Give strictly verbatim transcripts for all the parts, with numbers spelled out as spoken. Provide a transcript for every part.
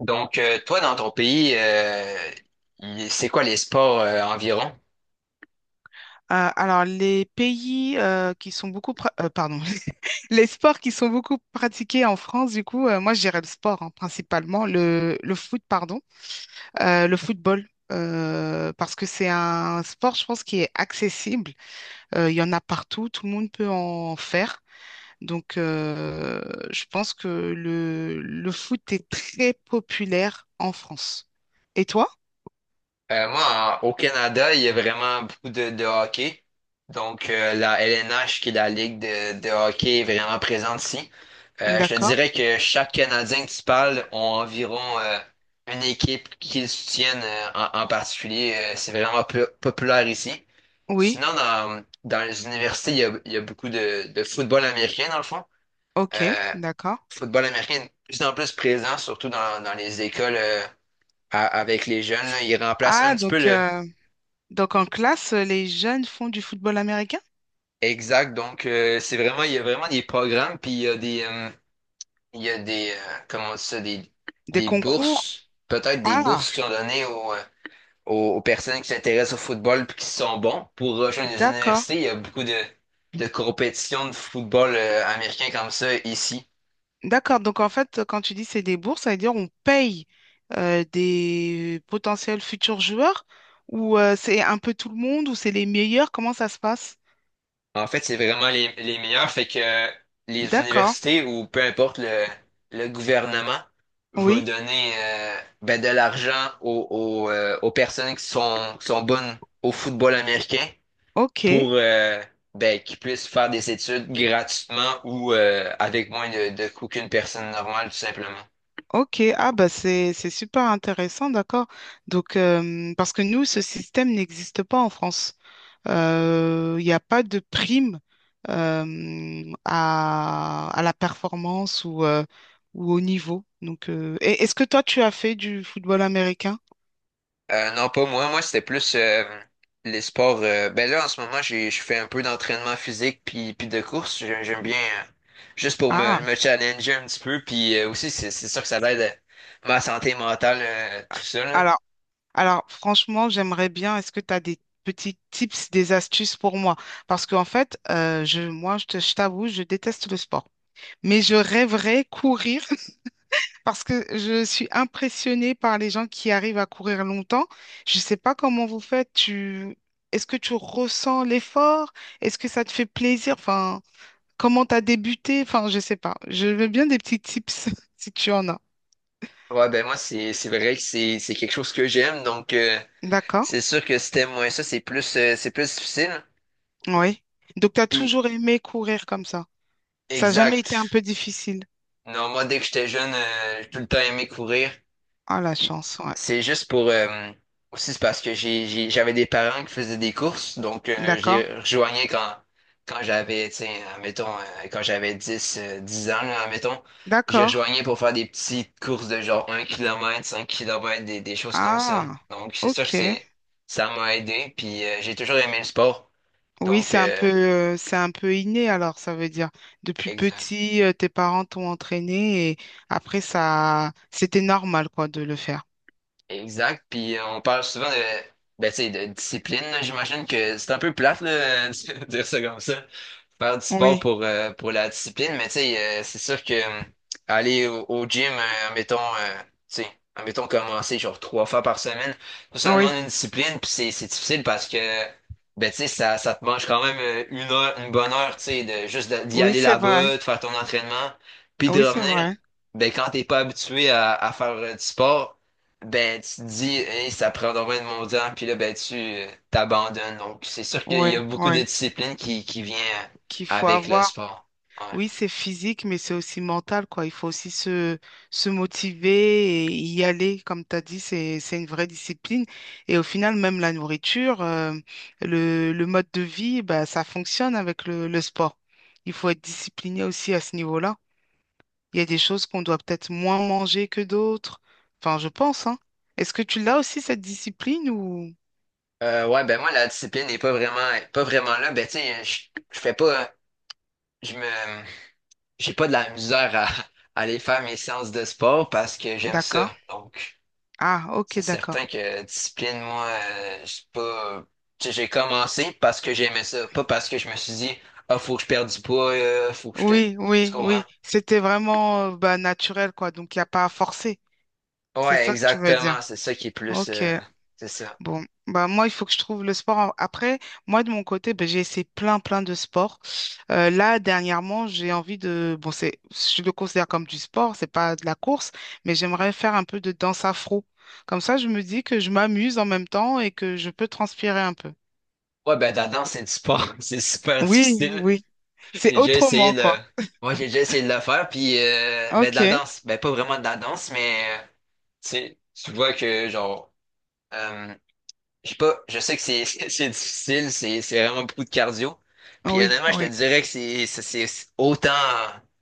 Donc, euh, toi, dans ton pays, euh, il- c'est quoi les sports euh, environ? Euh, alors, les pays euh, qui sont beaucoup... pra- euh, pardon. Les sports qui sont beaucoup pratiqués en France, du coup, euh, moi, je dirais le sport, hein, principalement. Le, le foot, pardon. Euh, le football, euh, parce que c'est un sport, je pense, qui est accessible. Euh, Il y en a partout. Tout le monde peut en faire. Donc, euh, je pense que le, le foot est très populaire en France. Et toi? Euh, moi, en- au Canada, il y a vraiment beaucoup de, de hockey. Donc, euh, la L N H, qui est la ligue de, de hockey, est vraiment présente ici. Euh, je te D'accord. dirais que chaque Canadien que tu parles ont environ euh, une équipe qu'ils soutiennent euh, en, en particulier. Euh, c'est vraiment po- populaire ici. Oui. Sinon, dans, dans les universités, il y a, il y a beaucoup de, de football américain, dans le fond. OK. Euh, D'accord. Football américain est de plus en plus présent, surtout dans, dans les écoles euh, à- avec les jeunes. Là. Il remplace un Ah, petit peu donc... le euh, Donc en classe, les jeunes font du football américain? exact. Donc, euh, c'est vraiment, il y a vraiment des programmes, puis il y a des, euh, il y a des, euh, comment on dit ça, des, Des des concours? bourses, peut-être des Ah, bourses qui sont données aux, euh, aux, aux personnes qui s'intéressent au football puis qui sont bons pour rejoindre les d'accord. universités. Il y a beaucoup de, de compétitions de football euh, américain comme ça ici. D'accord. Donc en fait, quand tu dis c'est des bourses, ça veut dire on paye euh, des potentiels futurs joueurs ou euh, c'est un peu tout le monde ou c'est les meilleurs? Comment ça se passe? En fait, c'est vraiment les, les meilleurs. Fait que euh, les D'accord. universités ou peu importe le, le gouvernement va Oui. donner euh, ben, de l'argent aux, aux, euh, aux personnes qui sont, qui sont bonnes au football américain pour OK. euh, ben, qu'ils puissent faire des études gratuitement ou euh, avec moins de, de coûts qu'une personne normale, tout simplement. OK. Ah bah c'est c'est super intéressant, d'accord. Donc euh, parce que nous, ce système n'existe pas en France. Euh, Il n'y a pas de prime euh, à, à la performance ou, euh, ou au niveau. Donc, euh, et- est-ce que toi, tu as fait du football américain? Euh, non, pas moi. Moi, c'était plus euh, les sports. Euh, ben là, en ce moment, j'ai, je fais un peu d'entraînement physique puis, puis de course. J'ai- J'aime bien euh, juste pour Ah, me, me challenger un petit peu. Puis euh, aussi, c'est c'est sûr que ça aide euh, ma santé mentale, euh, tout ça, là. alors, alors franchement, j'aimerais bien. Est-ce que tu as des petits tips, des astuces pour moi? Parce qu'en fait, euh, je, moi, je te- je t'avoue, je déteste le sport. Mais je rêverais courir parce que je suis impressionnée par les gens qui arrivent à courir longtemps. Je ne sais pas comment vous faites. Tu... Est-ce que tu ressens l'effort? Est-ce que ça te fait plaisir? Enfin, comment tu as débuté? Enfin, je ne sais pas. Je veux bien des petits tips si tu en as. Ouais, ben moi, c'est c'est vrai que c'est c'est quelque chose que j'aime. Donc, euh, D'accord? c'est sûr que si t'aimes moins ça, c'est plus euh, c'est plus difficile. Oui. Donc, tu as Puis, toujours aimé courir comme ça. Ça n'a jamais été un exact. peu difficile. Non, moi, dès que j'étais jeune, euh, j'ai tout le temps aimé courir. Ah, la Puis chance, ouais. c'est juste pour euh, aussi c'est parce que j'ai j'ai- j'avais des parents qui faisaient des courses, donc euh, D'accord? j'ai rejoigné quand quand j'avais, tiens admettons, euh, quand j'avais dix euh, dix ans, là, admettons, j'ai D'accord. rejoigné pour faire des petites courses de genre un kilomètre cinq kilomètres des, des choses comme ça. Ah, Donc c'est sûr ok. que c'est ça m'a aidé, puis euh, j'ai toujours aimé le sport. Oui, Donc c'est un euh, peu, euh, c'est un peu inné alors, ça veut dire. Depuis exact. petit, euh, tes parents t'ont entraîné et après, ça, c'était normal, quoi, de le faire. Exact. Puis euh, on parle souvent de ben, tu sais, de discipline, là. J'imagine que c'est un peu plate là, de dire ça comme ça. Faire du sport Oui, pour, euh, pour la discipline, mais tu sais, euh, c'est sûr que euh, aller au, au gym, euh, admettons, euh, tu sais, admettons commencer genre trois fois par semaine, ça, ça demande oui, une discipline, puis c'est c'est difficile parce que, ben tu sais, ça, ça te mange quand même euh, une heure, une bonne heure, tu sais, de juste de- d'y oui, aller c'est vrai. là-bas, de faire ton entraînement, puis de Oui, c'est revenir, vrai. ben quand t'es pas habitué à, à faire euh, du sport. Ben, tu te dis, hey, ça prend donc bien de mon temps, puis là, ben, tu euh, t'abandonnes. Donc, c'est sûr qu'il Oui, y a beaucoup de oui. discipline qui, qui vient euh, Qu'il faut avec le avoir. sport. Ouais. Oui, c'est physique, mais c'est aussi mental, quoi. Il faut aussi se, se motiver et y aller. Comme tu as dit, c'est, c'est une vraie discipline. Et au final, même la nourriture, euh, le, le mode de vie, bah, ça fonctionne avec le, le sport. Il faut être discipliné aussi à ce niveau-là. Il y a des choses qu'on doit peut-être moins manger que d'autres. Enfin, je pense, hein. Est-ce que tu l'as aussi, cette discipline ou... Euh, ouais, ben moi, la discipline n'est pas vraiment, pas vraiment là. Ben, tu sais, je, je fais pas, je me, j'ai pas de la misère à, à aller faire mes séances de sport parce que j'aime D'accord. ça. Donc, Ah, ok, c'est d'accord. certain que discipline, moi, euh, je suis pas, tu sais, j'ai commencé parce que j'aimais ça, pas parce que je me suis dit, ah, faut que je perde du poids, euh, faut que je te, Oui, tu oui, comprends? oui. C'était vraiment, euh, bah, naturel, quoi. Donc, il n'y a pas à forcer. C'est Ouais, ça que tu veux dire. exactement. C'est ça qui est plus, Ok. euh, c'est ça. Bon, bah moi, il faut que je trouve le sport. en- Après, moi, de mon côté, bah j'ai essayé plein, plein de sports. Euh, là, dernièrement, j'ai envie de... Bon, c'est, je le considère comme du sport, c'est pas de la course, mais j'aimerais faire un peu de danse afro. Comme ça, je me dis que je m'amuse en même temps et que je peux transpirer un peu. Ouais, ben, la danse, c'est du sport. C'est super Oui, difficile. oui. J'ai C'est déjà essayé autrement, de… quoi. Moi, j'ai déjà essayé de le faire, puis euh, ben, de la Ok. danse. Ben, pas vraiment de la danse, mais euh, tu sais, tu vois que, genre, euh, je sais pas, je sais que c'est c'est c'est difficile, c'est c'est vraiment beaucoup de cardio. Puis Oui, honnêtement, je te oui. dirais que c'est c'est c'est autant,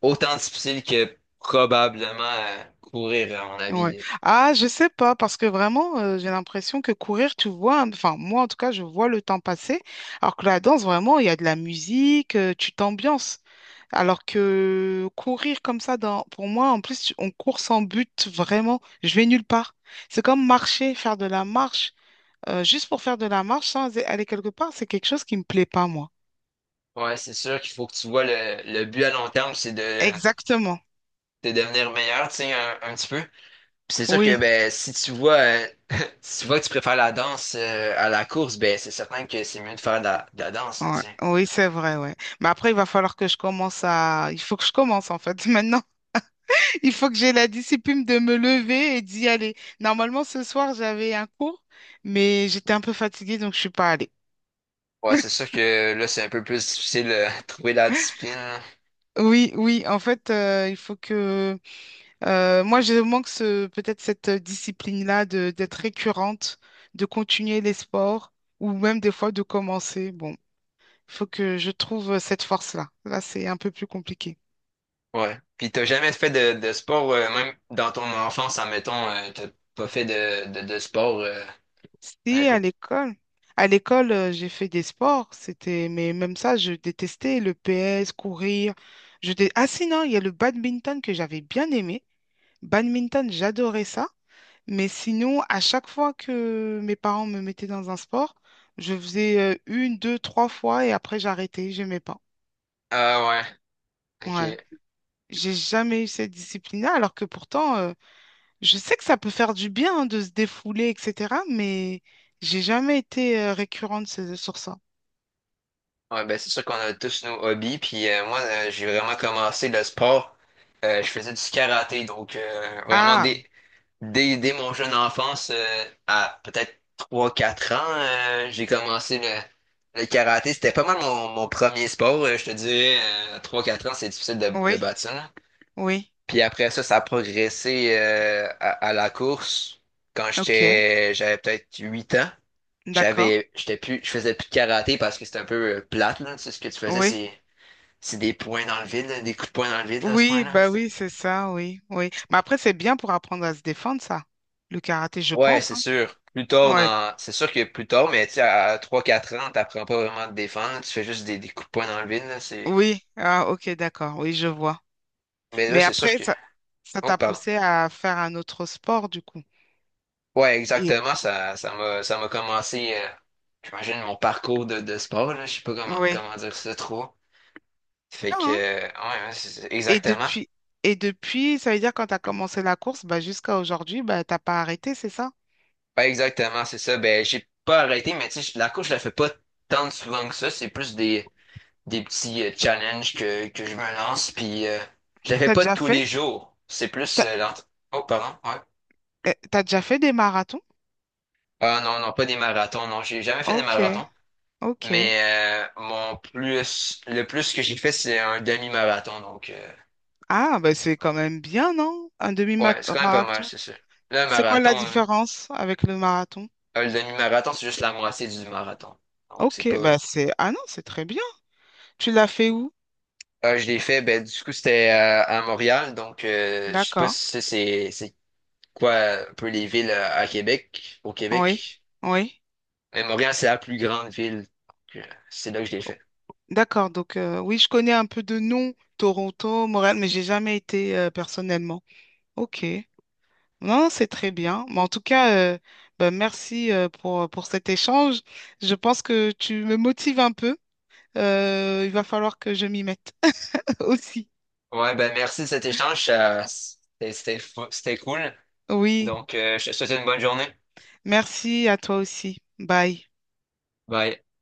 autant difficile que probablement euh, courir, à mon Ouais. avis. Ah, je sais pas, parce que vraiment, euh, j'ai l'impression que courir, tu vois, hein, enfin, moi en tout cas, je vois le temps passer, alors que la danse, vraiment, il y a de la musique, euh, tu t'ambiances. Alors que courir comme ça, dans, pour moi, en plus, tu- on court sans but, vraiment, je vais nulle part. C'est comme marcher, faire de la marche, euh, juste pour faire de la marche sans aller quelque part, c'est quelque chose qui me plaît pas, moi. Ouais, c'est sûr qu'il faut que tu vois le, le but à long terme, c'est de, Exactement. de devenir meilleur, tu sais, un, un petit peu. Puis c'est sûr que Oui, ben si tu vois euh, si tu vois que tu préfères la danse euh, à la course, ben c'est certain que c'est mieux de faire de la, de la danse, hein, ouais. tu sais. Oui, c'est vrai, ouais. Mais après, il va falloir que je commence à... Il faut que je commence, en fait, maintenant. Il faut que j'ai la discipline de me lever et d'y aller. Normalement, ce soir, j'avais un cours, mais j'étais un peu fatiguée, donc je suis pas allée. Ouais, c'est sûr que là, c'est un peu plus difficile euh, de trouver la discipline. Là. Oui, oui, en fait, euh, il faut que... euh, moi, je manque ce, peut-être cette discipline-là de, d'être récurrente, de continuer les sports, ou même des fois de commencer. Bon, il faut que je trouve cette force-là. Là, c'est un peu plus compliqué. Ouais. Puis t'as jamais fait de, de sport, euh, même dans ton enfance, admettons, euh, t'as pas fait de, de, de sport euh, Si, à n'importe. l'école. À l'école, euh, j'ai fait des sports, c'était, mais même ça, je détestais le P S, courir. Je dé- Ah si, non, il y a le badminton que j'avais bien aimé. Badminton, j'adorais ça. Mais sinon, à chaque fois que mes parents me mettaient dans un sport, je faisais euh, une, deux, trois fois et après j'arrêtais, j'aimais pas. Ah ouais, Ouais. ok. J'ai jamais eu cette discipline-là, alors que pourtant, euh, je sais que ça peut faire du bien hein, de se défouler, et cetera. Mais j'ai jamais été euh, récurrente ce- sur ça. Ouais, ben c'est sûr qu'on a tous nos hobbies. Puis euh, moi, euh, j'ai vraiment commencé le sport. Euh, je faisais du karaté, donc euh, vraiment Ah, des, dès, dès mon jeune enfance, euh, à peut-être trois quatre ans, euh, j'ai commencé le, le karaté. C'était pas mal mon, mon premier sport, euh, je te dirais. Euh, à trois quatre ans, c'est difficile de, de oui, battre ça. Là. oui, Puis après ça, ça a progressé euh, à, à la course. Quand ok, j'étais, J'avais peut-être huit ans, d'accord, j'avais, j'étais plus, je faisais plus de karaté parce que c'était un peu euh, plate, là. Tu sais, ce que tu faisais, oui, c'est, c'est des points dans le vide, là, des coups de poing dans le vide, là, à ce oui, point-là. bah oui, c'est ça, oui, oui. Mais après, c'est bien pour apprendre à se défendre, ça, le karaté, je Ouais, pense, c'est hein. sûr. Plus tard Ouais, dans, C'est sûr que plus tard, mais tu sais, à trois quatre ans, t'apprends pas vraiment à te défendre, tu fais juste des, des coups de poing dans le vide, là, c'est… oui, ah, ok, d'accord, oui, je vois. Mais là, Mais c'est sûr après, que… ça, ça Oh, t'a pardon. poussé à faire un autre sport, du coup. Ouais, Et exactement, ça, ça m'a, ça m'a commencé, euh, j'imagine, mon parcours de, de sport, là, je sais pas comment, oui, comment dire ça trop. Fait bien, que, hein. euh, ouais, ouais, c'est- c'est- Et exactement. depuis, et depuis, ça veut dire quand t'as commencé la course, bah jusqu'à aujourd'hui, bah t'as pas arrêté, c'est ça? Ouais, exactement, c'est ça. Ben, j'ai pas arrêté, mais tu sais, je- la course, je la fais pas tant souvent que ça, c'est plus des… des petits euh, challenges que, que je me lance, puis euh, je la fais T'as pas déjà tous fait? les jours. C'est plus T'as, euh, l'entra- Oh, pardon, ouais. euh, t'as déjà fait des marathons? Ah non, non, pas des marathons, non, j'ai jamais fait des Ok, marathons. ok. Mais euh, mon plus, le plus que j'ai fait, c'est un demi-marathon, donc euh, Ah, ben c'est quand même bien, non? Un ouais, c'est quand même pas mal, demi-marathon. c'est sûr. Là, un C'est quoi marathon, la hein, différence avec le marathon? euh, le demi-marathon, c'est juste la moitié du marathon. Donc c'est Ok, bah pas. c'est... Ah non, c'est très bien. Tu l'as fait où? Ah, je l'ai fait, ben du coup c'était à, à Montréal, donc euh, je sais pas D'accord. si c'est c'est c'est quoi euh, un peu les villes à à Québec, au Oui, Québec. oui. Mais Montréal, c'est la plus grande ville. Donc, euh, C'est là que je l'ai fait. D'accord, donc euh, oui, je connais un peu de nom, Toronto, Montréal, mais j'ai jamais été euh, personnellement. Ok. Non, c'est très bien. Mais en tout cas, euh, ben, merci euh, pour, pour cet échange. Je pense que tu me motives un peu. Euh, il va falloir que je m'y mette aussi. Ouais, ben merci de cet échange. Ça- C'était c'était fou- c'était cool. Oui. Donc, euh, je te souhaite une bonne journée. Merci à toi aussi. Bye. Bye.